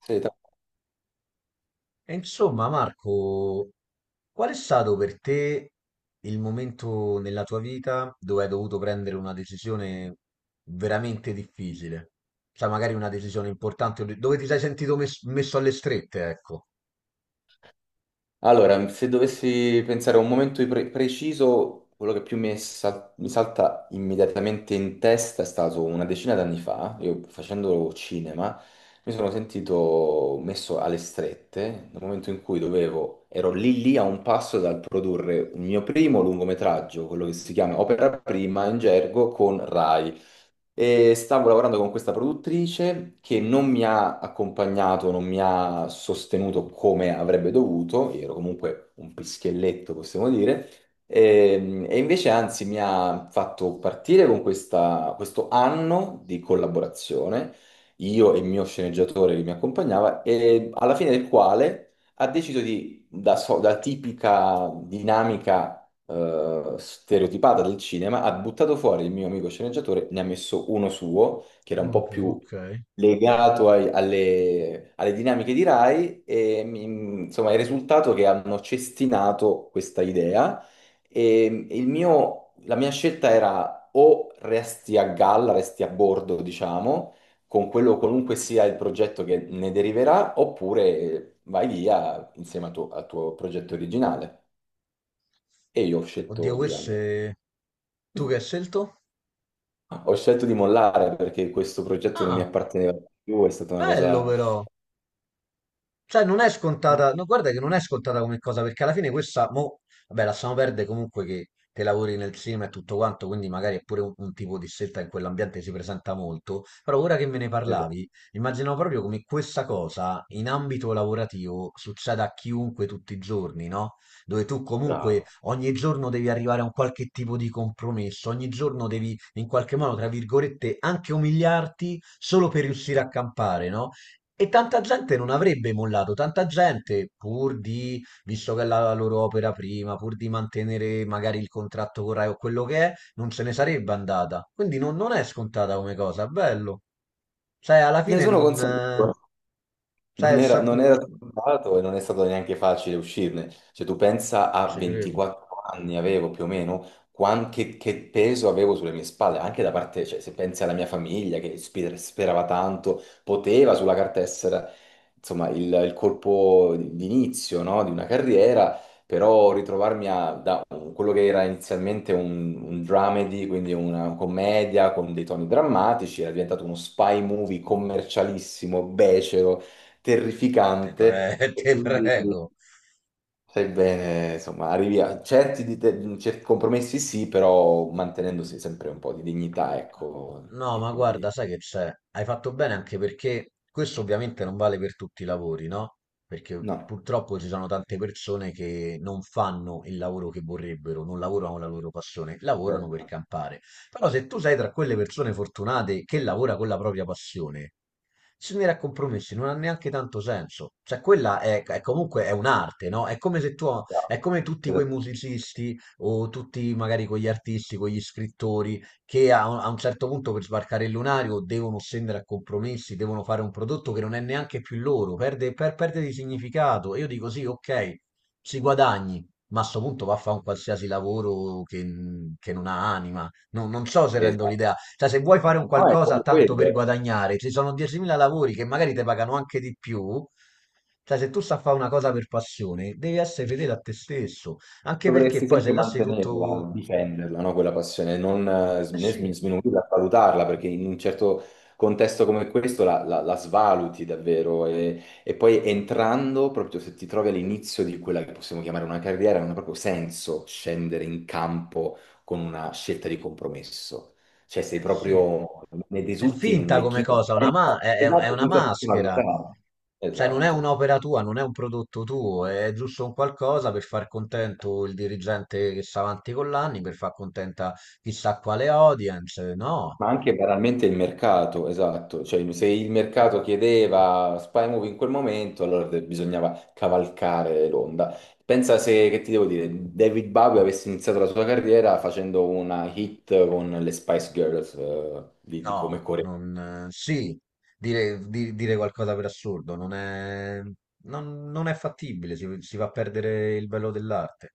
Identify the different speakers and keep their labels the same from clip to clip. Speaker 1: Sì,
Speaker 2: E insomma, Marco, qual è stato per te il momento nella tua vita dove hai dovuto prendere una decisione veramente difficile? Cioè, magari una decisione importante, dove ti sei sentito messo alle strette, ecco.
Speaker 1: allora, se dovessi pensare a un momento preciso, quello che più mi salta immediatamente in testa è stato una decina d'anni fa, io facendo cinema, mi sono sentito messo alle strette, nel momento in cui ero lì lì a un passo dal produrre un mio primo lungometraggio, quello che si chiama Opera Prima in gergo con Rai. E stavo lavorando con questa produttrice che non mi ha accompagnato, non mi ha sostenuto come avrebbe dovuto, io ero comunque un pischelletto, possiamo dire, e invece anzi mi ha fatto partire con questo anno di collaborazione, io e il mio sceneggiatore che mi accompagnava, e alla fine del quale ha deciso di, da tipica dinamica stereotipata del cinema, ha buttato fuori il mio amico sceneggiatore, ne ha messo uno suo, che era un
Speaker 2: Ok,
Speaker 1: po' più
Speaker 2: ok.
Speaker 1: legato alle dinamiche di Rai, e insomma il risultato è che hanno cestinato questa idea e la mia scelta era o resti a galla, resti a bordo, diciamo, con quello qualunque sia il progetto che ne deriverà, oppure vai via insieme al tuo progetto originale. E io ho
Speaker 2: Oddio,
Speaker 1: scelto di
Speaker 2: questo
Speaker 1: andare.
Speaker 2: è... Tu che hai scelto?
Speaker 1: Ho scelto di mollare perché questo progetto non mi
Speaker 2: Ah,
Speaker 1: apparteneva più, è stata una
Speaker 2: bello
Speaker 1: cosa.
Speaker 2: però! Cioè, non è
Speaker 1: Eh,
Speaker 2: scontata, no, guarda che non è scontata come cosa, perché alla fine questa, mo, vabbè, lasciamo perdere comunque che te lavori nel cinema e tutto quanto, quindi magari è pure un tipo di scelta in quell'ambiente si presenta molto, però ora che me ne
Speaker 1: esatto,
Speaker 2: parlavi, immaginavo proprio come questa cosa in ambito lavorativo succeda a chiunque tutti i giorni, no? Dove tu comunque
Speaker 1: bravo.
Speaker 2: ogni giorno devi arrivare a un qualche tipo di compromesso, ogni giorno devi in qualche modo, tra virgolette, anche umiliarti solo per riuscire a campare, no? E tanta gente non avrebbe mollato, tanta gente pur di, visto che è la loro opera prima, pur di mantenere magari il contratto con Rai o quello che è, non se ne sarebbe andata. Quindi non, non è scontata come cosa, è bello. Sai, alla
Speaker 1: Ne
Speaker 2: fine
Speaker 1: sono
Speaker 2: non...
Speaker 1: consapevole. Non
Speaker 2: Sai,
Speaker 1: era, non era scontato e non è stato neanche facile uscirne. Cioè, tu pensa
Speaker 2: non
Speaker 1: a
Speaker 2: ci credo.
Speaker 1: 24 anni avevo più o meno, che peso avevo sulle mie spalle, anche da parte, cioè, se pensi alla mia famiglia che sperava tanto, poteva sulla carta essere, insomma, il colpo d'inizio, no? Di una carriera, però ritrovarmi da quello che era inizialmente un dramedy, quindi una commedia con dei toni drammatici, era diventato uno spy movie commercialissimo, becero,
Speaker 2: No, te
Speaker 1: terrificante
Speaker 2: prego,
Speaker 1: e
Speaker 2: te
Speaker 1: quindi
Speaker 2: prego.
Speaker 1: sai bene, insomma, arrivi a certi compromessi, sì, però mantenendosi sempre un po' di dignità, ecco,
Speaker 2: No,
Speaker 1: e
Speaker 2: ma guarda,
Speaker 1: quindi
Speaker 2: sai che c'è? Hai fatto bene anche perché questo ovviamente non vale per tutti i lavori, no? Perché
Speaker 1: no,
Speaker 2: purtroppo ci sono tante persone che non fanno il lavoro che vorrebbero, non lavorano la loro passione, lavorano per
Speaker 1: certo,
Speaker 2: campare. Però se tu sei tra quelle persone fortunate che lavora con la propria passione, si venire a compromessi non ha neanche tanto senso. Cioè, quella è comunque è un'arte, no? È come se tu,
Speaker 1: bravo,
Speaker 2: è come tutti quei
Speaker 1: esatto.
Speaker 2: musicisti o tutti magari quegli artisti, quegli scrittori che un a un certo punto per sbarcare il lunario devono scendere a compromessi, devono fare un prodotto che non è neanche più loro, perde di significato. E io dico sì, ok, si guadagni. Ma a sto punto va a fare un qualsiasi lavoro che non ha anima. Non, non so se rendo
Speaker 1: Esatto.
Speaker 2: l'idea. Cioè, se vuoi fare un
Speaker 1: No, è
Speaker 2: qualcosa
Speaker 1: proprio
Speaker 2: tanto per
Speaker 1: quello.
Speaker 2: guadagnare, ci sono 10.000 lavori che magari ti pagano anche di più. Cioè, se tu sai fare una cosa per passione, devi essere fedele a te stesso. Anche perché
Speaker 1: Dovresti
Speaker 2: poi se
Speaker 1: sempre
Speaker 2: lasci tutto...
Speaker 1: mantenerla, difenderla, no? Quella passione, non
Speaker 2: Eh
Speaker 1: né
Speaker 2: sì,
Speaker 1: smin- sminuirla, valutarla, perché in un certo contesto come questo la svaluti davvero. E poi entrando, proprio se ti trovi all'inizio di quella che possiamo chiamare una carriera, non ha proprio senso scendere in campo con una scelta di compromesso. Cioè, sei
Speaker 2: eh sì.
Speaker 1: proprio, ne
Speaker 2: È
Speaker 1: risulti in un
Speaker 2: finta come
Speaker 1: lecchino,
Speaker 2: cosa, è, è
Speaker 1: esatto,
Speaker 2: una
Speaker 1: senza
Speaker 2: maschera.
Speaker 1: personalità.
Speaker 2: Cioè, non è
Speaker 1: Esatto.
Speaker 2: un'opera tua, non è un prodotto tuo, è giusto un qualcosa per far contento il dirigente che sta avanti con l'anni, per far contenta chissà quale audience. No,
Speaker 1: Ma anche banalmente il mercato, esatto, cioè se il mercato chiedeva Spy Movie in quel momento, allora bisognava cavalcare l'onda. Pensa se, che ti devo dire, David Bowie avesse iniziato la sua carriera facendo una hit con le Spice Girls, di come
Speaker 2: No,
Speaker 1: coreo.
Speaker 2: non... sì, dire qualcosa per assurdo non è, non, non è fattibile, si va a perdere il bello dell'arte.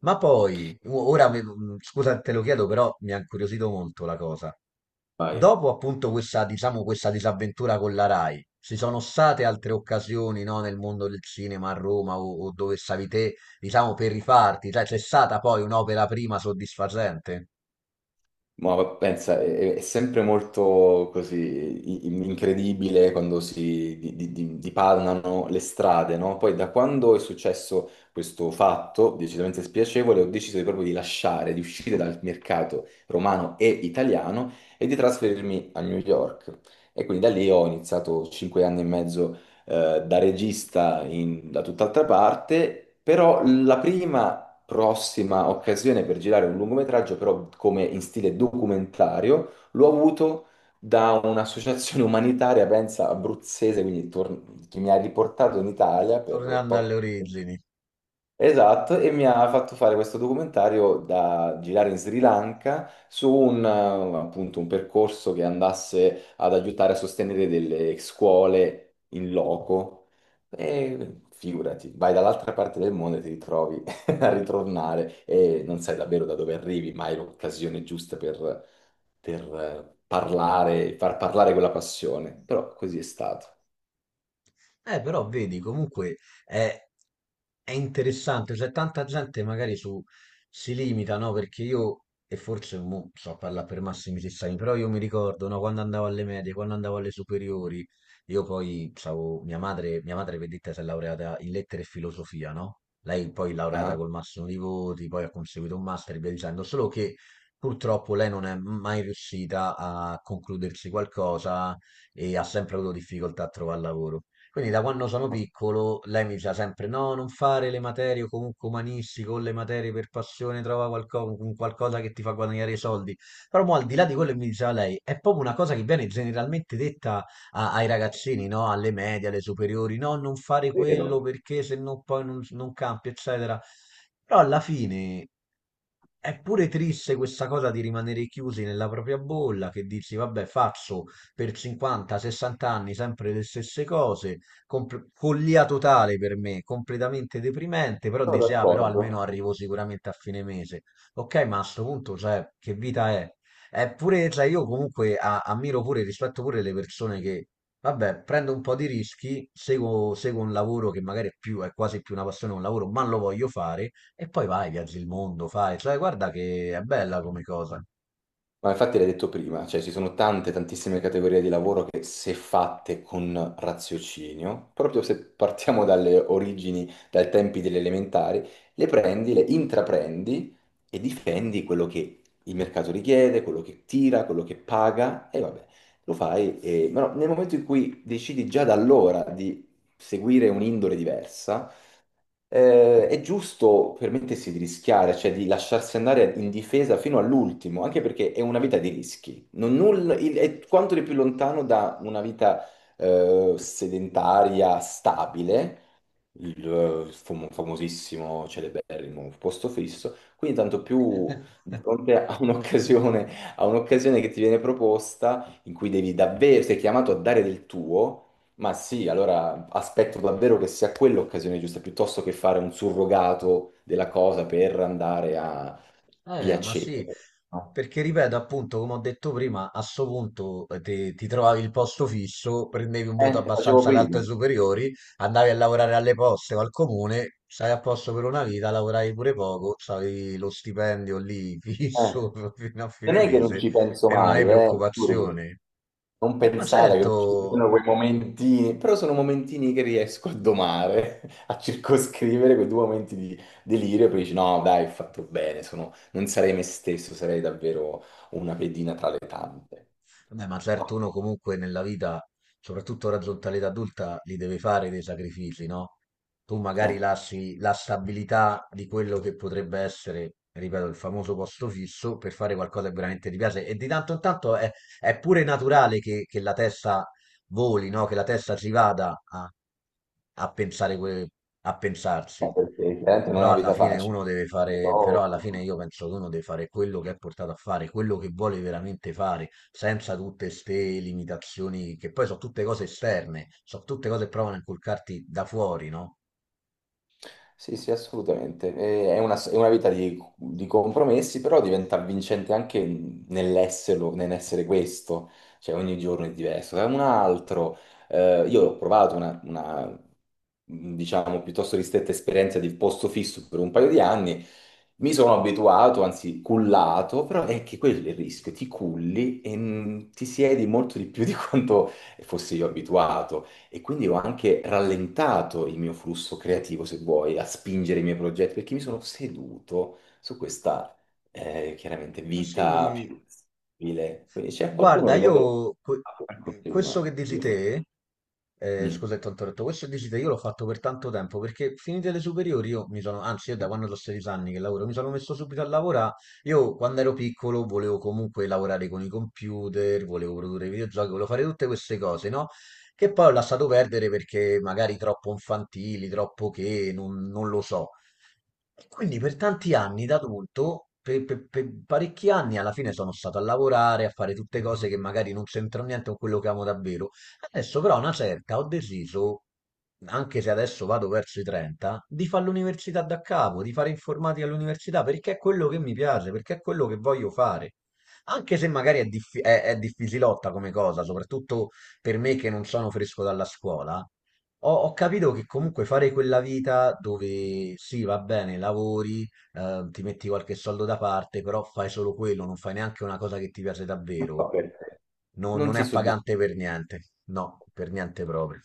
Speaker 2: Ma poi, ora, scusa, te lo chiedo, però mi ha incuriosito molto la cosa. Dopo appunto questa, diciamo, questa disavventura con la Rai, ci sono state altre occasioni, no, nel mondo del cinema a Roma o dove stavi te, diciamo, per rifarti? Cioè, c'è stata poi un'opera prima soddisfacente?
Speaker 1: Ma pensa, è sempre molto così incredibile quando si dipanano le strade, no? Poi da quando è successo questo fatto decisamente spiacevole, ho deciso proprio di lasciare, di uscire dal mercato romano e italiano e di trasferirmi a New York. E quindi da lì ho iniziato 5 anni e mezzo da regista da tutt'altra parte, però la prima prossima occasione per girare un lungometraggio, però come in stile documentario, l'ho avuto da un'associazione umanitaria, pensa, abruzzese, quindi che mi ha riportato in Italia per
Speaker 2: Tornando alle origini.
Speaker 1: esatto, e mi ha fatto fare questo documentario da girare in Sri Lanka su un, appunto, un percorso che andasse ad aiutare a sostenere delle scuole in loco. E figurati, vai dall'altra parte del mondo e ti ritrovi a ritornare e non sai davvero da dove arrivi, ma hai l'occasione giusta per, parlare, far parlare quella passione. Però così è stato.
Speaker 2: Però vedi, comunque è, è interessante, cioè tanta gente magari su, si limita, no? Perché io, e forse mo, sto a parlare per massimi sistemi, però io mi ricordo, no, quando andavo alle medie, quando andavo alle superiori, io poi, stavo, mia madre, vedete, si è laureata in lettere e filosofia, no? Lei poi laureata
Speaker 1: Ah,
Speaker 2: col massimo di voti, poi ha conseguito un master e via dicendo, solo che purtroppo lei non è mai riuscita a concludersi qualcosa e ha sempre avuto difficoltà a trovare lavoro. Quindi da quando sono
Speaker 1: ok,
Speaker 2: piccolo lei mi diceva sempre no, non fare le materie o comunque umanistiche o le materie per passione, trova un qualcosa che ti fa guadagnare i soldi. Però mo, al di là di quello che mi diceva lei, è proprio una cosa che viene generalmente detta ai ragazzini, no? Alle medie, alle superiori, no, non fare quello
Speaker 1: vero,
Speaker 2: perché se no poi non, non campi, eccetera. Però alla fine è pure triste questa cosa di rimanere chiusi nella propria bolla, che dici, vabbè, faccio per 50-60 anni sempre le stesse cose, follia totale per me, completamente deprimente, però
Speaker 1: sono
Speaker 2: dici, ah, però almeno
Speaker 1: d'accordo.
Speaker 2: arrivo sicuramente a fine mese. Ok, ma a sto punto, cioè, che vita è? Eppure, cioè, io comunque ammiro pure, rispetto pure le persone che, vabbè, prendo un po' di rischi, seguo, seguo un lavoro che magari è più, è quasi più una passione, che un lavoro, ma lo voglio fare, e poi vai, viaggi il mondo, fai, cioè, guarda che è bella come cosa.
Speaker 1: Ma infatti l'hai detto prima, cioè ci sono tante, tantissime categorie di lavoro che se fatte con raziocinio, proprio se partiamo dalle origini, dai tempi delle elementari, le prendi, le intraprendi e difendi quello che il mercato richiede, quello che tira, quello che paga e vabbè, lo fai. E... Ma no, nel momento in cui decidi già da allora di seguire un'indole diversa, è giusto permettersi di rischiare, cioè di lasciarsi andare in difesa fino all'ultimo, anche perché è una vita di rischi. Non nulla- il- È quanto di più lontano da una vita, sedentaria stabile, il famosissimo celeberrimo posto fisso, quindi tanto più di fronte a un'occasione che ti viene proposta in cui devi davvero, sei chiamato a dare del tuo, ma sì, allora aspetto davvero che sia quella l'occasione giusta, piuttosto che fare un surrogato della cosa per andare a
Speaker 2: Ma
Speaker 1: piacere,
Speaker 2: sì,
Speaker 1: no?
Speaker 2: perché ripeto, appunto, come ho detto prima, a sto punto ti, ti trovavi il posto fisso, prendevi un voto
Speaker 1: Facevo
Speaker 2: abbastanza alto
Speaker 1: prima,
Speaker 2: ai superiori, andavi a lavorare alle poste o al comune, stavi a posto per una vita, lavoravi pure poco, stavi lo stipendio lì
Speaker 1: eh.
Speaker 2: fisso fino a
Speaker 1: Non
Speaker 2: fine
Speaker 1: è che non
Speaker 2: mese
Speaker 1: ci penso
Speaker 2: e non avevi
Speaker 1: mai, eh.
Speaker 2: preoccupazioni.
Speaker 1: Non
Speaker 2: Ma
Speaker 1: pensare che ci
Speaker 2: certo.
Speaker 1: siano quei momentini, però sono momentini che riesco a domare, a circoscrivere quei due momenti di delirio, poi dici no, dai, ho fatto bene, non sarei me stesso, sarei davvero una pedina tra le tante.
Speaker 2: Vabbè, ma certo
Speaker 1: No.
Speaker 2: uno comunque nella vita, soprattutto raggiunta l'età adulta, li deve fare dei sacrifici, no? Tu magari
Speaker 1: Eh,
Speaker 2: lasci la stabilità di quello che potrebbe essere, ripeto, il famoso posto fisso per fare qualcosa che veramente ti piace. E di tanto in tanto è pure naturale che la testa voli, no? Che la testa ci vada a, a pensare, a pensarsi.
Speaker 1: perché chiaramente non è
Speaker 2: Però
Speaker 1: una
Speaker 2: alla
Speaker 1: vita
Speaker 2: fine
Speaker 1: facile,
Speaker 2: uno deve fare,
Speaker 1: però...
Speaker 2: però alla fine io penso che uno deve fare quello che è portato a fare, quello che vuole veramente fare senza tutte ste limitazioni che poi sono tutte cose esterne, sono tutte cose che provano a inculcarti da fuori, no?
Speaker 1: Sì, sì, assolutamente. È una vita di compromessi, però diventa vincente anche nell'esserlo, nell'essere questo, cioè ogni giorno è diverso. Io ho provato una diciamo, piuttosto ristretta esperienza di posto fisso per un paio di anni, mi sono abituato, anzi cullato, però è che quello è il rischio, ti culli e ti siedi molto di più di quanto fossi io abituato e quindi ho anche rallentato il mio flusso creativo, se vuoi, a spingere i miei progetti, perché mi sono seduto su questa, chiaramente,
Speaker 2: Ma
Speaker 1: vita
Speaker 2: sì,
Speaker 1: più stabile. Quindi c'è qualcuno
Speaker 2: guarda,
Speaker 1: che davvero...
Speaker 2: questo che dici
Speaker 1: Io forse...
Speaker 2: te,
Speaker 1: Mm.
Speaker 2: scusa che ti ho interrotto, questo che dici te io l'ho fatto per tanto tempo perché finite le superiori io mi sono, anzi io da quando ho 16 anni che lavoro, mi sono messo subito a lavorare, io quando ero piccolo volevo comunque lavorare con i computer, volevo produrre videogiochi, volevo fare tutte queste cose, no? Che poi ho lasciato perdere perché magari troppo infantili, troppo che, non non lo so. E quindi per tanti anni da adulto, per, per parecchi anni, alla fine sono stato a lavorare, a fare tutte cose che magari non c'entrano niente con quello che amo davvero. Adesso però a una certa ho deciso, anche se adesso vado verso i 30, di fare l'università da capo, di fare informatica all'università, perché è quello che mi piace, perché è quello che voglio fare. Anche se magari è, è difficilotta come cosa, soprattutto per me che non sono fresco dalla scuola, ho, ho capito che comunque fare quella vita dove sì, va bene, lavori, ti metti qualche soldo da parte, però fai solo quello, non fai neanche una cosa che ti piace
Speaker 1: Non so
Speaker 2: davvero.
Speaker 1: perché. Non
Speaker 2: Non è
Speaker 1: ti soddisfa.
Speaker 2: appagante per niente. No, per niente proprio.